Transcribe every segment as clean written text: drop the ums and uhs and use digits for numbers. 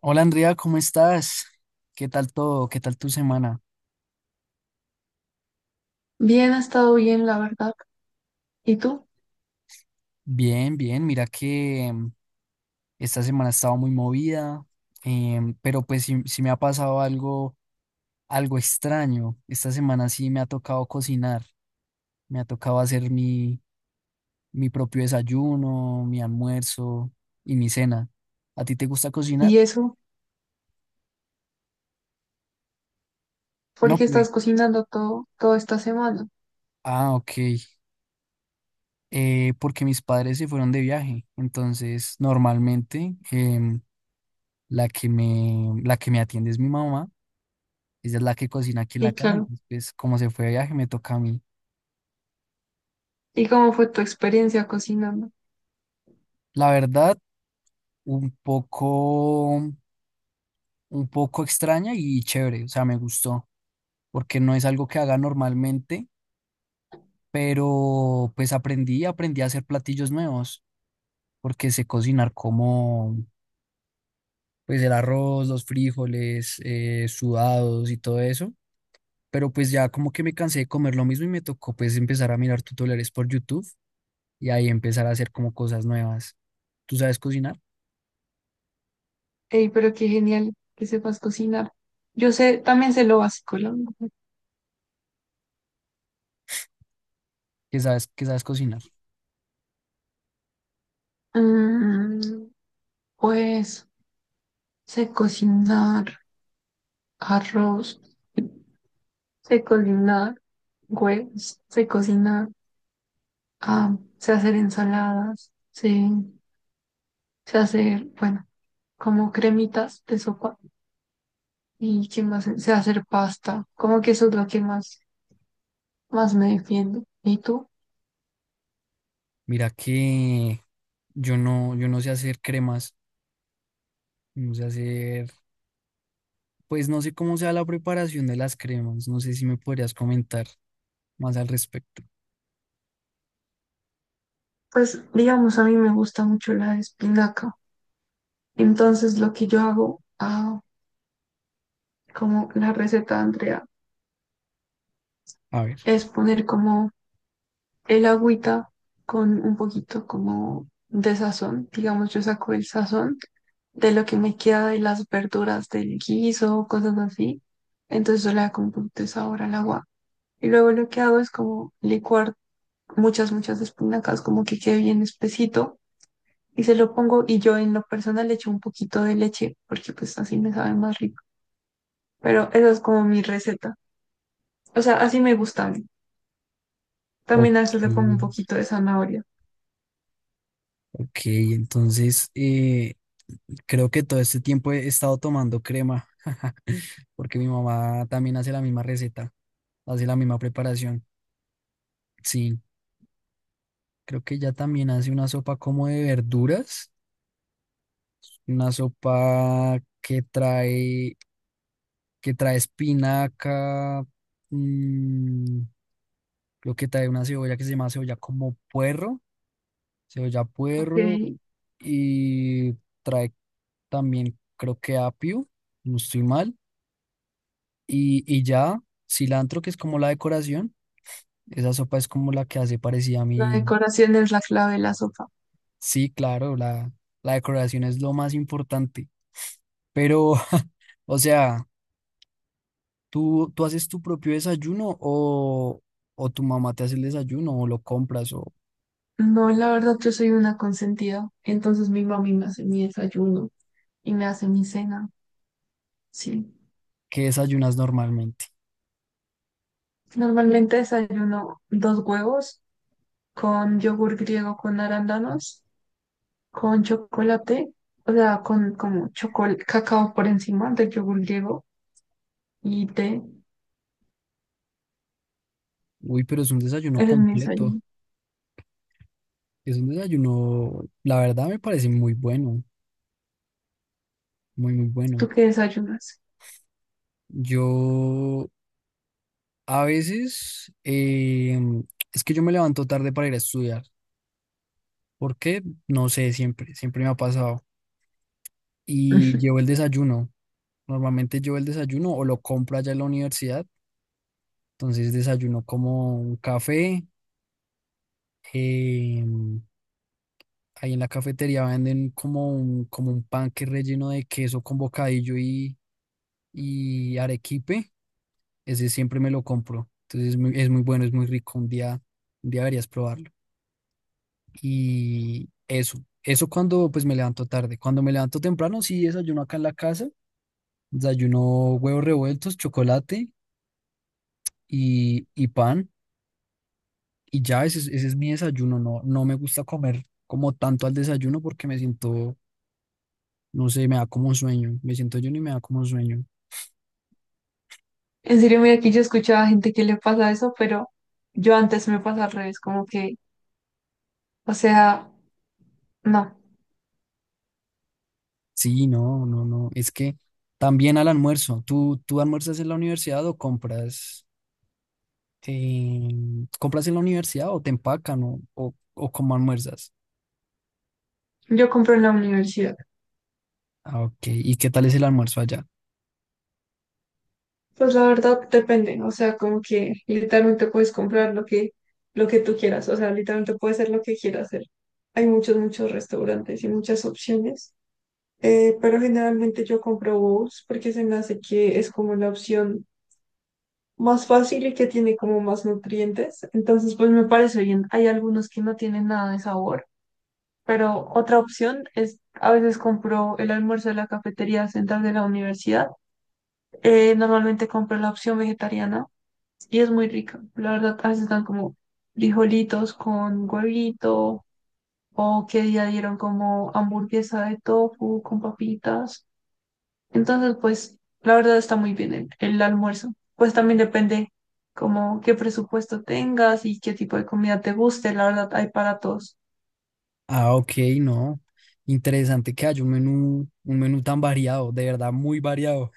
Hola Andrea, ¿cómo estás? ¿Qué tal todo? ¿Qué tal tu semana? Bien, ha estado bien, la verdad. ¿Y tú? Bien, bien. Mira que esta semana estaba muy movida, pero pues sí, sí me ha pasado algo extraño. Esta semana sí me ha tocado cocinar, me ha tocado hacer mi propio desayuno, mi almuerzo y mi cena. ¿A ti te gusta cocinar? ¿Y eso? ¿Por No, qué pues. estás cocinando todo, toda esta semana? Ah, ok. Porque mis padres se fueron de viaje, entonces normalmente la la que me atiende es mi mamá. Ella es la que cocina aquí en la Y casa. claro, Entonces, pues, como se fue de viaje, me toca a mí. ¿y cómo fue tu experiencia cocinando? La verdad, un poco, un poco extraña y chévere. O sea, me gustó. Porque no es algo que haga normalmente, pero pues aprendí a hacer platillos nuevos. Porque sé cocinar como, pues, el arroz, los frijoles, sudados y todo eso. Pero pues ya como que me cansé de comer lo mismo y me tocó pues empezar a mirar tutoriales por YouTube y ahí empezar a hacer como cosas nuevas. ¿Tú sabes cocinar? Ey, pero qué genial que sepas cocinar. Yo sé, también sé lo básico, la verdad. ¿Qué sabes cocinar? Mm, pues sé cocinar arroz, sé cocinar huevos, sé cocinar, ah, sé hacer ensaladas, sé, sé hacer, bueno, como cremitas de sopa. ¿Y qué más? Sé hacer pasta. Como que eso es lo que más, más me defiende. ¿Y tú? Mira que yo no sé hacer cremas, no sé hacer, pues no sé cómo sea la preparación de las cremas, no sé si me podrías comentar más al respecto. Pues, digamos, a mí me gusta mucho la espinaca. Entonces, lo que yo hago, ah, como la receta de Andrea, A ver, es poner como el agüita con un poquito como de sazón. Digamos, yo saco el sazón de lo que me queda de las verduras del guiso, cosas así. Entonces, yo le hago un poquito de sabor al agua. Y luego lo que hago es como licuar muchas, muchas espinacas, como que quede bien espesito y se lo pongo y yo en lo personal le echo un poquito de leche porque pues así me sabe más rico. Pero esa es como mi receta. O sea, así me gusta a mí. ok, También a veces le pongo un poquito de zanahoria. ok, entonces creo que todo este tiempo he estado tomando crema, porque mi mamá también hace la misma receta, hace la misma preparación. Sí, creo que ella también hace una sopa como de verduras. Una sopa que trae espinaca, mm, lo que trae una cebolla que se llama cebolla como puerro, cebolla Ok, puerro, y trae también creo que apio, si no estoy mal, y ya cilantro que es como la decoración, esa sopa es como la que hace parecida a la mí. decoración es la clave de la sopa. Sí, claro, la decoración es lo más importante, pero, o sea... ¿Tú haces tu propio desayuno o tu mamá te hace el desayuno o lo compras o No, la verdad yo soy una consentida. Entonces mi mami me hace mi desayuno y me hace mi cena. Sí. qué desayunas normalmente? Normalmente desayuno dos huevos con yogur griego con arándanos con chocolate, o sea, con como chocolate, cacao por encima del yogur griego y té. Uy, pero es un desayuno Ese es mi completo. desayuno. Es un desayuno, la verdad me parece muy bueno, muy, muy bueno. ¿Tú qué desayunas? Yo a veces, es que yo me levanto tarde para ir a estudiar. ¿Por qué? No sé, siempre me ha pasado. Y llevo el desayuno. Normalmente llevo el desayuno o lo compro allá en la universidad. Entonces desayuno como un café eh, ahí en la cafetería venden como como un pan que es relleno de queso con bocadillo y arequipe. Ese siempre me lo compro. Entonces es muy bueno, es muy rico. Un día deberías probarlo. Y eso cuando pues me levanto tarde. Cuando me levanto temprano, sí desayuno acá en la casa. Desayuno huevos revueltos, chocolate y pan. Y ya ese es mi desayuno. No, no me gusta comer como tanto al desayuno porque me siento. No sé, me da como sueño. Me siento yo y me da como sueño. En serio, mira, aquí yo escuchaba a gente que le pasa eso, pero yo antes me pasa al revés, como que, o sea, no, Sí, no, no, no. Es que también al almuerzo. ¿Tú almuerzas en la universidad o compras, eh, compras en la universidad o te empacan o cómo almuerzas? yo compro en la universidad. Ah, ok. ¿Y qué tal es el almuerzo allá? Pues la verdad depende, o sea, como que literalmente puedes comprar lo que tú quieras, o sea, literalmente puedes hacer lo que quieras hacer. Hay muchos, muchos restaurantes y muchas opciones. Pero generalmente yo compro bowls porque se me hace que es como la opción más fácil y que tiene como más nutrientes. Entonces, pues me parece bien. Hay algunos que no tienen nada de sabor, pero otra opción es a veces compro el almuerzo de la cafetería central de la universidad. Normalmente compro la opción vegetariana y es muy rica. La verdad, a veces están como frijolitos con huevito o que día dieron como hamburguesa de tofu con papitas. Entonces, pues, la verdad está muy bien el almuerzo. Pues también depende como qué presupuesto tengas y qué tipo de comida te guste. La verdad, hay para todos. Ah, ok, no. Interesante que haya un menú tan variado, de verdad muy variado,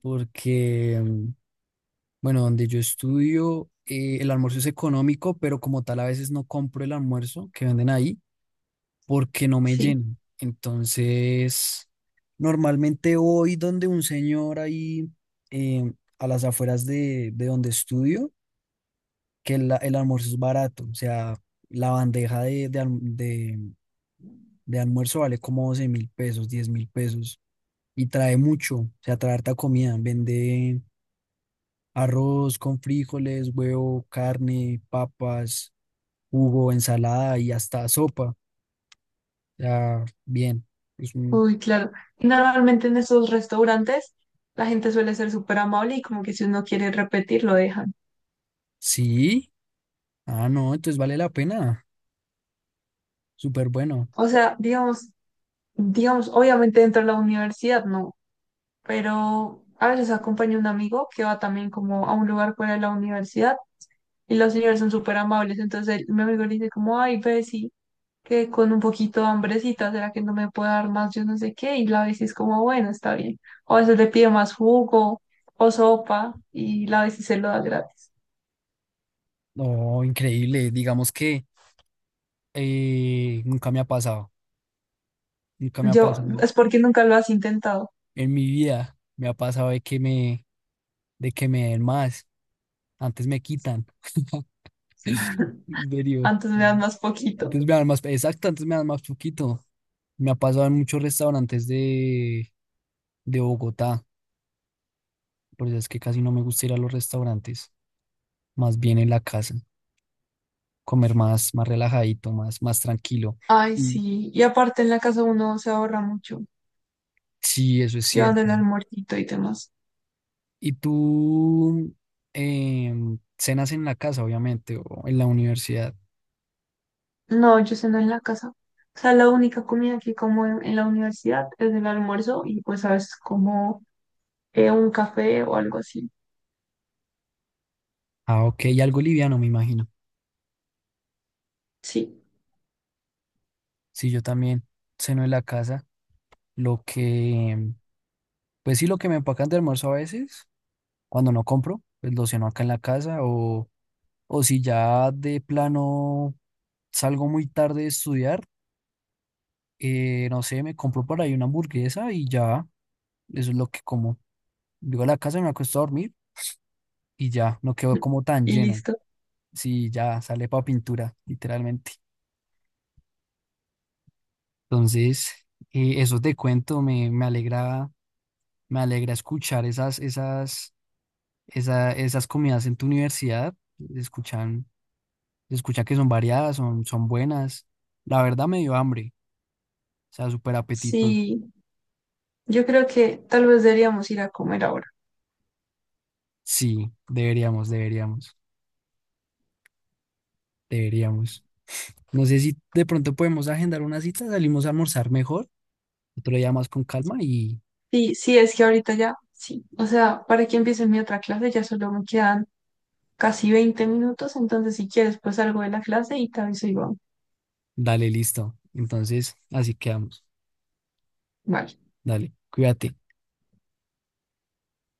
porque, bueno, donde yo estudio, el almuerzo es económico, pero como tal a veces no compro el almuerzo que venden ahí porque no me Sí, lleno. Entonces, normalmente voy donde un señor ahí eh, a las afueras de donde estudio, que el almuerzo es barato, o sea, la bandeja de almuerzo vale como 12.000 pesos, 10.000 pesos, y trae mucho, o sea, trae harta comida, vende arroz con frijoles, huevo, carne, papas, jugo, ensalada y hasta sopa, o sea, bien. Es un, uy, claro. Y normalmente en esos restaurantes la gente suele ser súper amable y como que si uno quiere repetir, lo dejan. sí, ah, no, entonces vale la pena. Súper bueno. O sea, digamos, obviamente dentro de la universidad no, pero a veces acompaña un amigo que va también como a un lugar fuera de la universidad. Y los señores son súper amables. Entonces él- mi amigo le dice como, ay, Bessie, que con un poquito de hambrecita, ¿será que no me puede dar más? Yo no sé qué. Y la Bessie es como, bueno, está bien. O a veces le pide más jugo o sopa y la Bessie se lo da gratis. No, increíble. Digamos que nunca me ha pasado. Nunca me ha Yo, pasado es porque nunca lo has intentado. en mi vida. Me ha pasado de de que me den más. Antes me quitan. En serio. Antes me dan más poquito. Antes me dan más. Exacto, antes me dan más poquito. Me ha pasado en muchos restaurantes de Bogotá. Por eso es que casi no me gusta ir a los restaurantes. Más bien en la casa. Comer más, más relajadito, más, más tranquilo. Ay, Y sí. Y aparte en la casa uno se ahorra mucho. sí, eso es Llevando cierto. el almuercito y demás. ¿Y tú cenas en la casa, obviamente, o en la universidad? No, yo ceno en la casa. O sea, la única comida que como en la universidad es el almuerzo y pues a veces como un café o algo así. Ah, ok, y algo liviano, me imagino. Sí. Sí, yo también ceno en la casa. Lo que, pues sí, lo que me empacan de almuerzo a veces, cuando no compro, pues lo ceno acá en la casa. O si ya de plano salgo muy tarde de estudiar, no sé, me compro por ahí una hamburguesa y ya, eso es lo que como. Llego a la casa, me acuesto a dormir y ya, no quedo como tan Y lleno. listo. Sí, ya sale para pintura, literalmente. Entonces, eso te cuento, me alegra escuchar esas comidas en tu universidad. Se escuchan, se escucha que son variadas, son, son buenas. La verdad me dio hambre, o sea, súper apetito. Sí, yo creo que tal vez deberíamos ir a comer ahora. Sí, deberíamos. No sé si de pronto podemos agendar una cita, salimos a almorzar mejor, otro día más con calma y Sí, sí, es que ahorita ya, sí. O sea, para que empiece mi otra clase ya solo me quedan casi 20 minutos, entonces si quieres pues salgo de la clase y te aviso y dale, listo. Entonces, así quedamos. vale. Dale, cuídate.